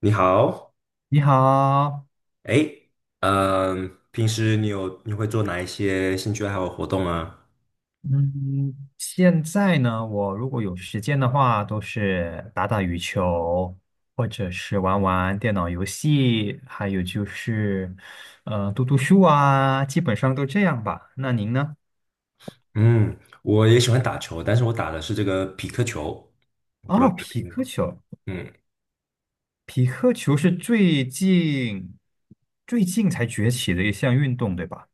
你好。你好，哎，平时你会做哪一些兴趣爱好活动啊？嗯，现在呢，我如果有时间的话，都是打打羽球，或者是玩玩电脑游戏，还有就是，读读书啊，基本上都这样吧。那您呢？嗯，我也喜欢打球，但是我打的是这个匹克球，我不知道哦，你有匹听克过。球，嗯，匹克球是最近才崛起的一项运动，对吧？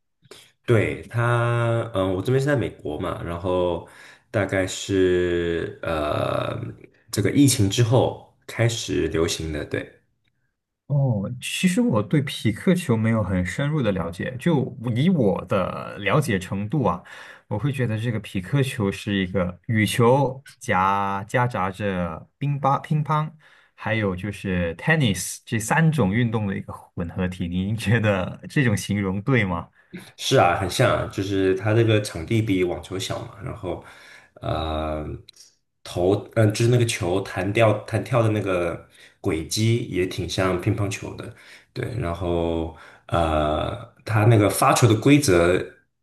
对，我这边是在美国嘛，然后大概是这个疫情之后开始流行的。对。哦，其实我对匹克球没有很深入的了解，就以我的了解程度啊，我会觉得这个匹克球是一个羽球夹杂着乒乓，还有就是 tennis 这三种运动的一个混合体。您觉得这种形容对吗？是啊，很像啊，就是它这个场地比网球小嘛。然后，呃，就是那个球弹掉、弹跳的那个轨迹也挺像乒乓球的。对，然后，它那个发球的规则，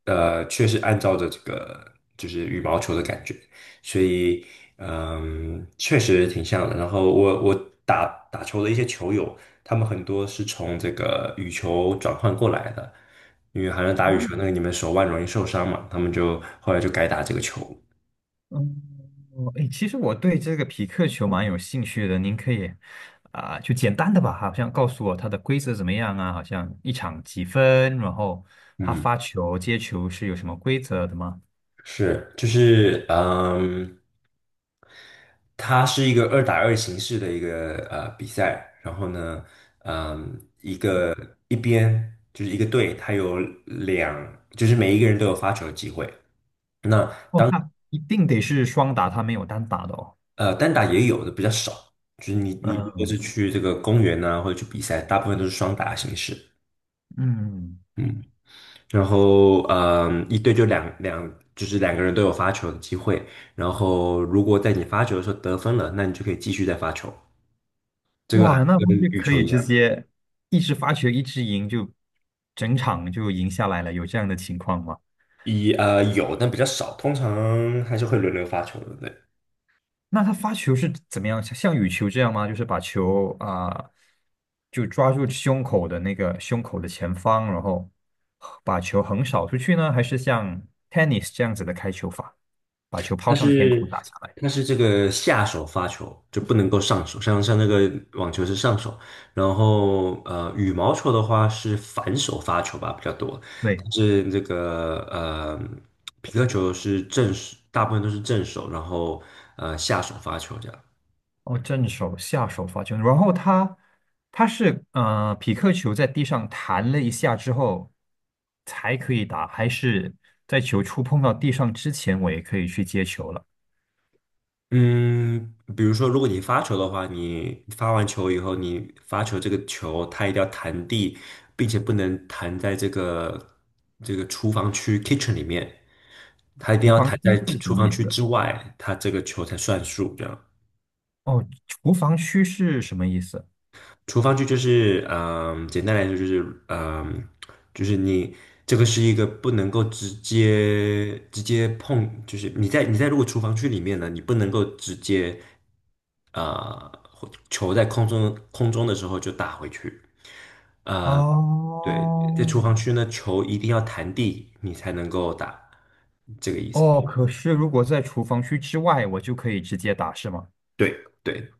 确实按照着这个就是羽毛球的感觉。所以，确实挺像的。然后我我打打球的一些球友，他们很多是从这个羽球转换过来的。因为好像打羽球那个你们手腕容易受伤嘛，他们就后来就改打这个球。嗯。哦，哎，其实我对这个匹克球蛮有兴趣的，您可以啊、就简单的吧，好像告诉我它的规则怎么样啊？好像一场几分，然后他嗯。发球、接球是有什么规则的吗？是，就是它是一个二打二形式的一个比赛。然后呢，嗯，一个一边就是一个队，它有两，就是每一个人都有发球的机会。那哦，那一定得是双打，它没有单打的哦。单打也有的比较少，就是你如果是嗯去这个公园啊，或者去比赛，大部分都是双打形式。嗯，嗯。然后，一队就两两，就是两个人都有发球的机会。然后，如果在你发球的时候得分了，那你就可以继续再发球。这个还哇，那跟不是羽可球以一直样。接一直发球一直赢，就整场就赢下来了？有这样的情况吗？有，但比较少，通常还是会轮流发球的。对。那他发球是怎么样？像羽球这样吗？就是把球啊、就抓住胸口的前方，然后把球横扫出去呢？还是像 tennis 这样子的开球法，把球它抛上天空是打下来？它是这个下手发球，就不能够上手，像那个网球是上手，然后羽毛球的话是反手发球吧比较多，对，但是这个皮克球是正手，大部分都是正手，然后下手发球这样。哦，正手、下手发球，然后他是匹克球在地上弹了一下之后才可以打，还是在球触碰到地上之前我也可以去接球了？嗯，比如说，如果你发球的话，你发完球以后，你发球这个球它一定要弹地，并且不能弹在这个厨房区 kitchen 里面，它一定无要防弹在区是什厨么房意区思？之外，它这个球才算数。这样。哦，厨房区是什么意思？厨房区就是，简单来说就是，就是你这个是一个不能够直接碰，就是你在如果厨房区里面呢，你不能够直接。呃，球在空中的时候就打回去。对，在厨哦，房区呢，球一定要弹地，你才能够打，这个意思。哦，可是如果在厨房区之外，我就可以直接打，是吗？对对，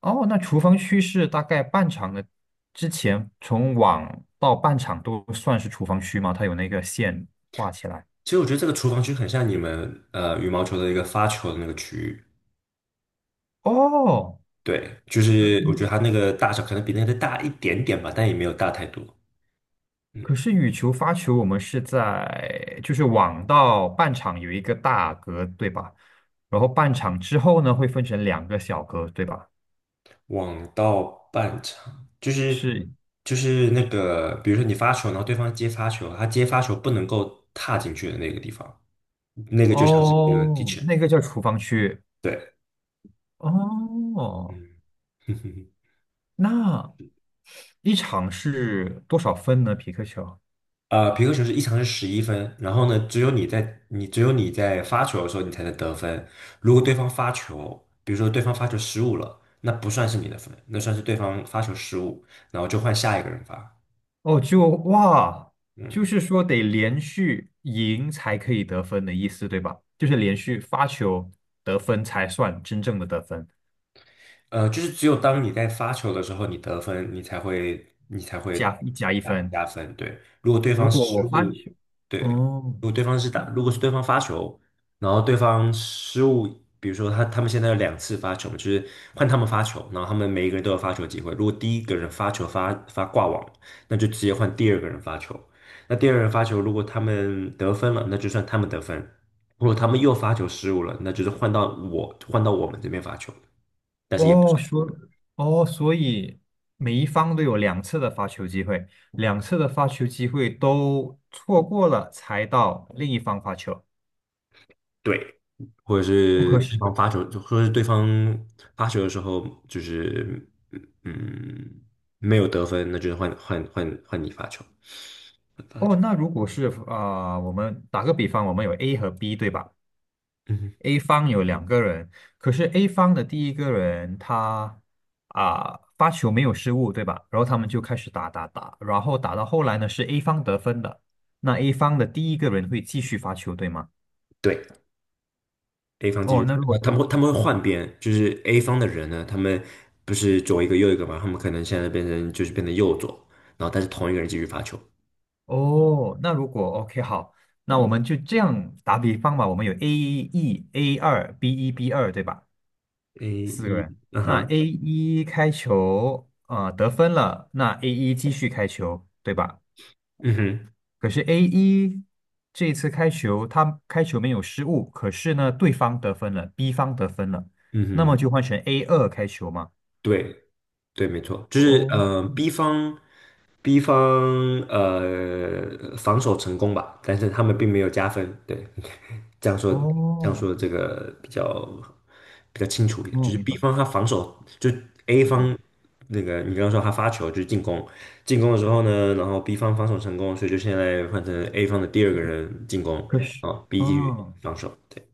哦，那厨房区是大概半场的之前，从网到半场都算是厨房区吗？它有那个线画起来。其实我觉得这个厨房区很像你们羽毛球的一个发球的那个区域。哦，对，就是我觉得它那个大小可能比那个大一点点吧，但也没有大太多。嗯。可是羽球、发球，我们是在就是网到半场有一个大格，对吧？然后半场之后呢，会分成两个小格，对吧？网到半场就是是，那个，比如说你发球，然后对方接发球，他接发球不能够踏进去的那个地方。那个就像是一个 哦，teacher。那个叫厨房区。对。哦，嗯。哼哼。那一场是多少分呢？皮克球？啊，皮克球是一场是11分，然后呢，只有你在发球的时候你才能得分。如果对方发球，比如说对方发球失误了，那不算是你的分，那算是对方发球失误，然后就换下一个人发，哦，就哇，就嗯，是说得连续赢才可以得分的意思，对吧？就是连续发球得分才算真正的得分，就是只有当你在发球的时候，你得分，你才会加一加一分。加分。对，如果对如方果我失发误。球，对，哦，如果对方是打，如果是对方发球，然后对方失误，比如说他们现在有2次发球，就是换他们发球，然后他们每一个人都有发球机会。如果第一个人发球发挂网，那就直接换第二个人发球。那第二个人发球，如果他们得分了，那就算他们得分；如果他们又发球失误了，那就是换到我们这边发球，但是也不是。哦，哦，所以每一方都有两次的发球机会，两次的发球机会都错过了，才到另一方发球。对，或者不是可对许方发球，或者是对方发球的时候，就是嗯没有得分，那就是换你发球，换发哦，球。那如果是啊、我们打个比方，我们有 A 和 B，对吧嗯，？A 方有两个人，可是 A 方的第一个人他啊、发球没有失误，对吧？然后他们就开始打打打，然后打到后来呢是 A 方得分的，那 A 方的第一个人会继续发球，对吗？对，A 方继续哦，发那球，如那果。他们会换边，就是 A 方的人呢，他们不是左一个右一个嘛，他们可能现在变成右左，然后但是同一个人继续发球。哦，那如果 OK 好，那我们就这样打比方吧。我们有 A 一、A 二、B 一、B 二，对吧？A 四个一。人。嗯那 哼。A 一开球，啊，得分了，那 A 一继续开球，对吧？嗯哼。可是 A 一这一次开球，他开球没有失误，可是呢，对方得分了，B 方得分了，嗯那么哼。就换成 A 二开球嘛。对，对，没错，就是哦B 方防守成功吧，但是他们并没有加分。对。这样说这样哦，说这个比较清楚一点，就哦，是 明白，B 方他防守。就 A 成功。方那个你刚刚说他发球就是进攻，进攻的时候呢，然后 B 方防守成功，所以就现在换成 A 方的第二个人进攻，可是，啊，B 继续嗯。防守。对。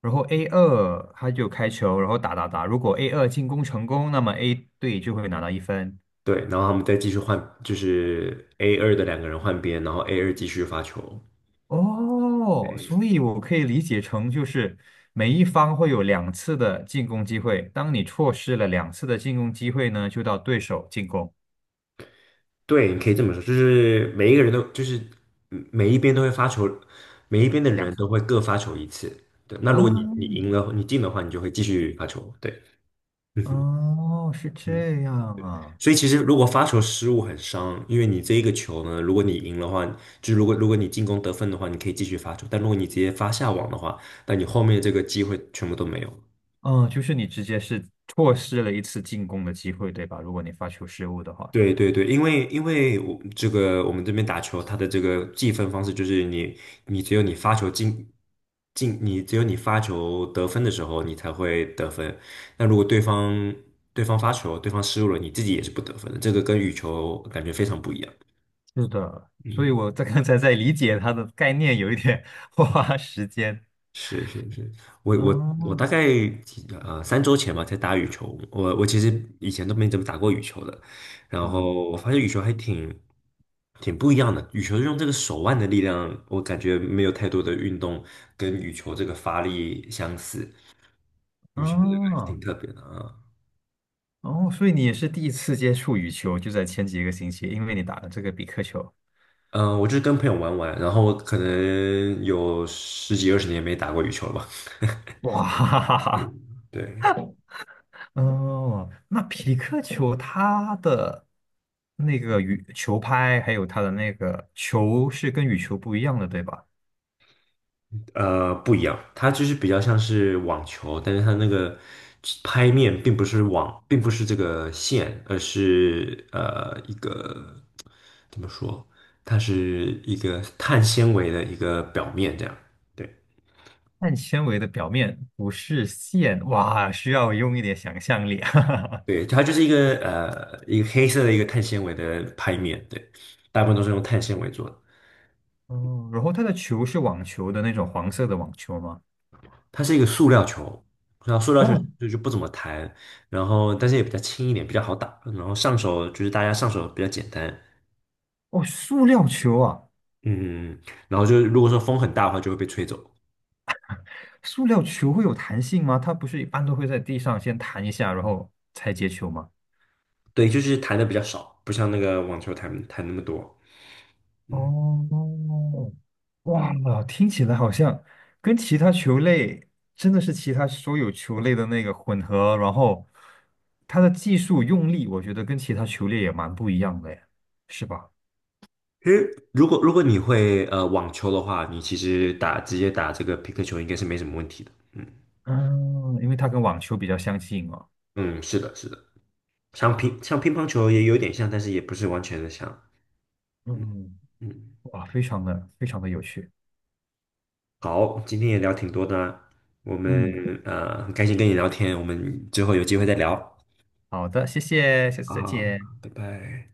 然后 A 二他就开球，然后打打打。如果 A 二进攻成功，那么 A 队就会拿到一分。对，然后他们再继续换，就是 A 二的两个人换边，然后 A 二继续发球。哦，所以我可以理解成就是每一方会有两次的进攻机会，当你错失了两次的进攻机会呢，就到对手进攻对，你可以这么说，就是每一个人都就是每一边都会发球，每一边的两人都次会各发球一次。对，那如果你啊。赢了，你进的话，你就会继续发球。对。嗯哼。哦，是嗯。这样啊。所以其实如果发球失误很伤，因为你这一个球呢，如果你赢的话，就是如果你进攻得分的话，你可以继续发球；但如果你直接发下网的话，那你后面这个机会全部都没有。嗯，就是你直接是错失了一次进攻的机会，对吧？如果你发球失误的话。对对对，因为我这个我们这边打球，它的这个计分方式就是你只有你发球你只有你发球得分的时候，你才会得分。那如果对方发球，对方失误了，你自己也是不得分的。这个跟羽球感觉非常不一样。是的，所以嗯，我在 刚才在理解它的概念，有一点 花时间。是是是，我我我哦，大概3周前吧才打羽球，我其实以前都没怎么打过羽球的，然嗯，后我发现羽球还不一样的，羽球是用这个手腕的力量，我感觉没有太多的运动跟羽球这个发力相似，羽球这个还是挺哦，特别的啊。哦，所以你也是第一次接触羽球，就在前几个星期，因为你打了这个比克球。我就是跟朋友玩玩，然后可能有十几二十年没打过羽球了吧。哇，哈哈对哈对，哈哦，那匹克球它的那个羽球拍，还有它的那个球是跟羽球不一样的，对吧？不一样，它就是比较像是网球，但是它那个拍面并不是网，并不是这个线，而是一个怎么说？它是一个碳纤维的一个表面，这样。对碳纤维的表面不是线，哇，需要用一点想象力。啊。对，它就是一个黑色的一个碳纤维的拍面。对，大部分都是用碳纤维做的。哦，然后它的球是网球的那种黄色的网球吗？它是一个塑料球，然后塑料球哦就不怎么弹，然后但是也比较轻一点，比较好打，然后上手就是大家上手比较简单。哦，塑料球啊，嗯。然后就是如果说风很大的话，就会被吹走。塑料球会有弹性吗？它不是一般都会在地上先弹一下，然后才接球吗？对，就是弹的比较少，不像那个网球弹那么多。嗯。哦，哇，听起来好像跟其他球类真的是其他所有球类的那个混合，然后它的技术用力，我觉得跟其他球类也蛮不一样的耶，是吧？其实如果你会网球的话，你其实直接打这个皮克球应该是没什么问题的。嗯嗯，因为它跟网球比较相近哦。嗯，是的，是的，像乒乓球也有点像，但是也不是完全的像。嗯嗯。嗯。哇，非常的非常的有趣。好，今天也聊挺多的啊，我们嗯，很开心跟你聊天，我们之后有机会再聊。好的，谢谢，下次好再好好，见。拜拜。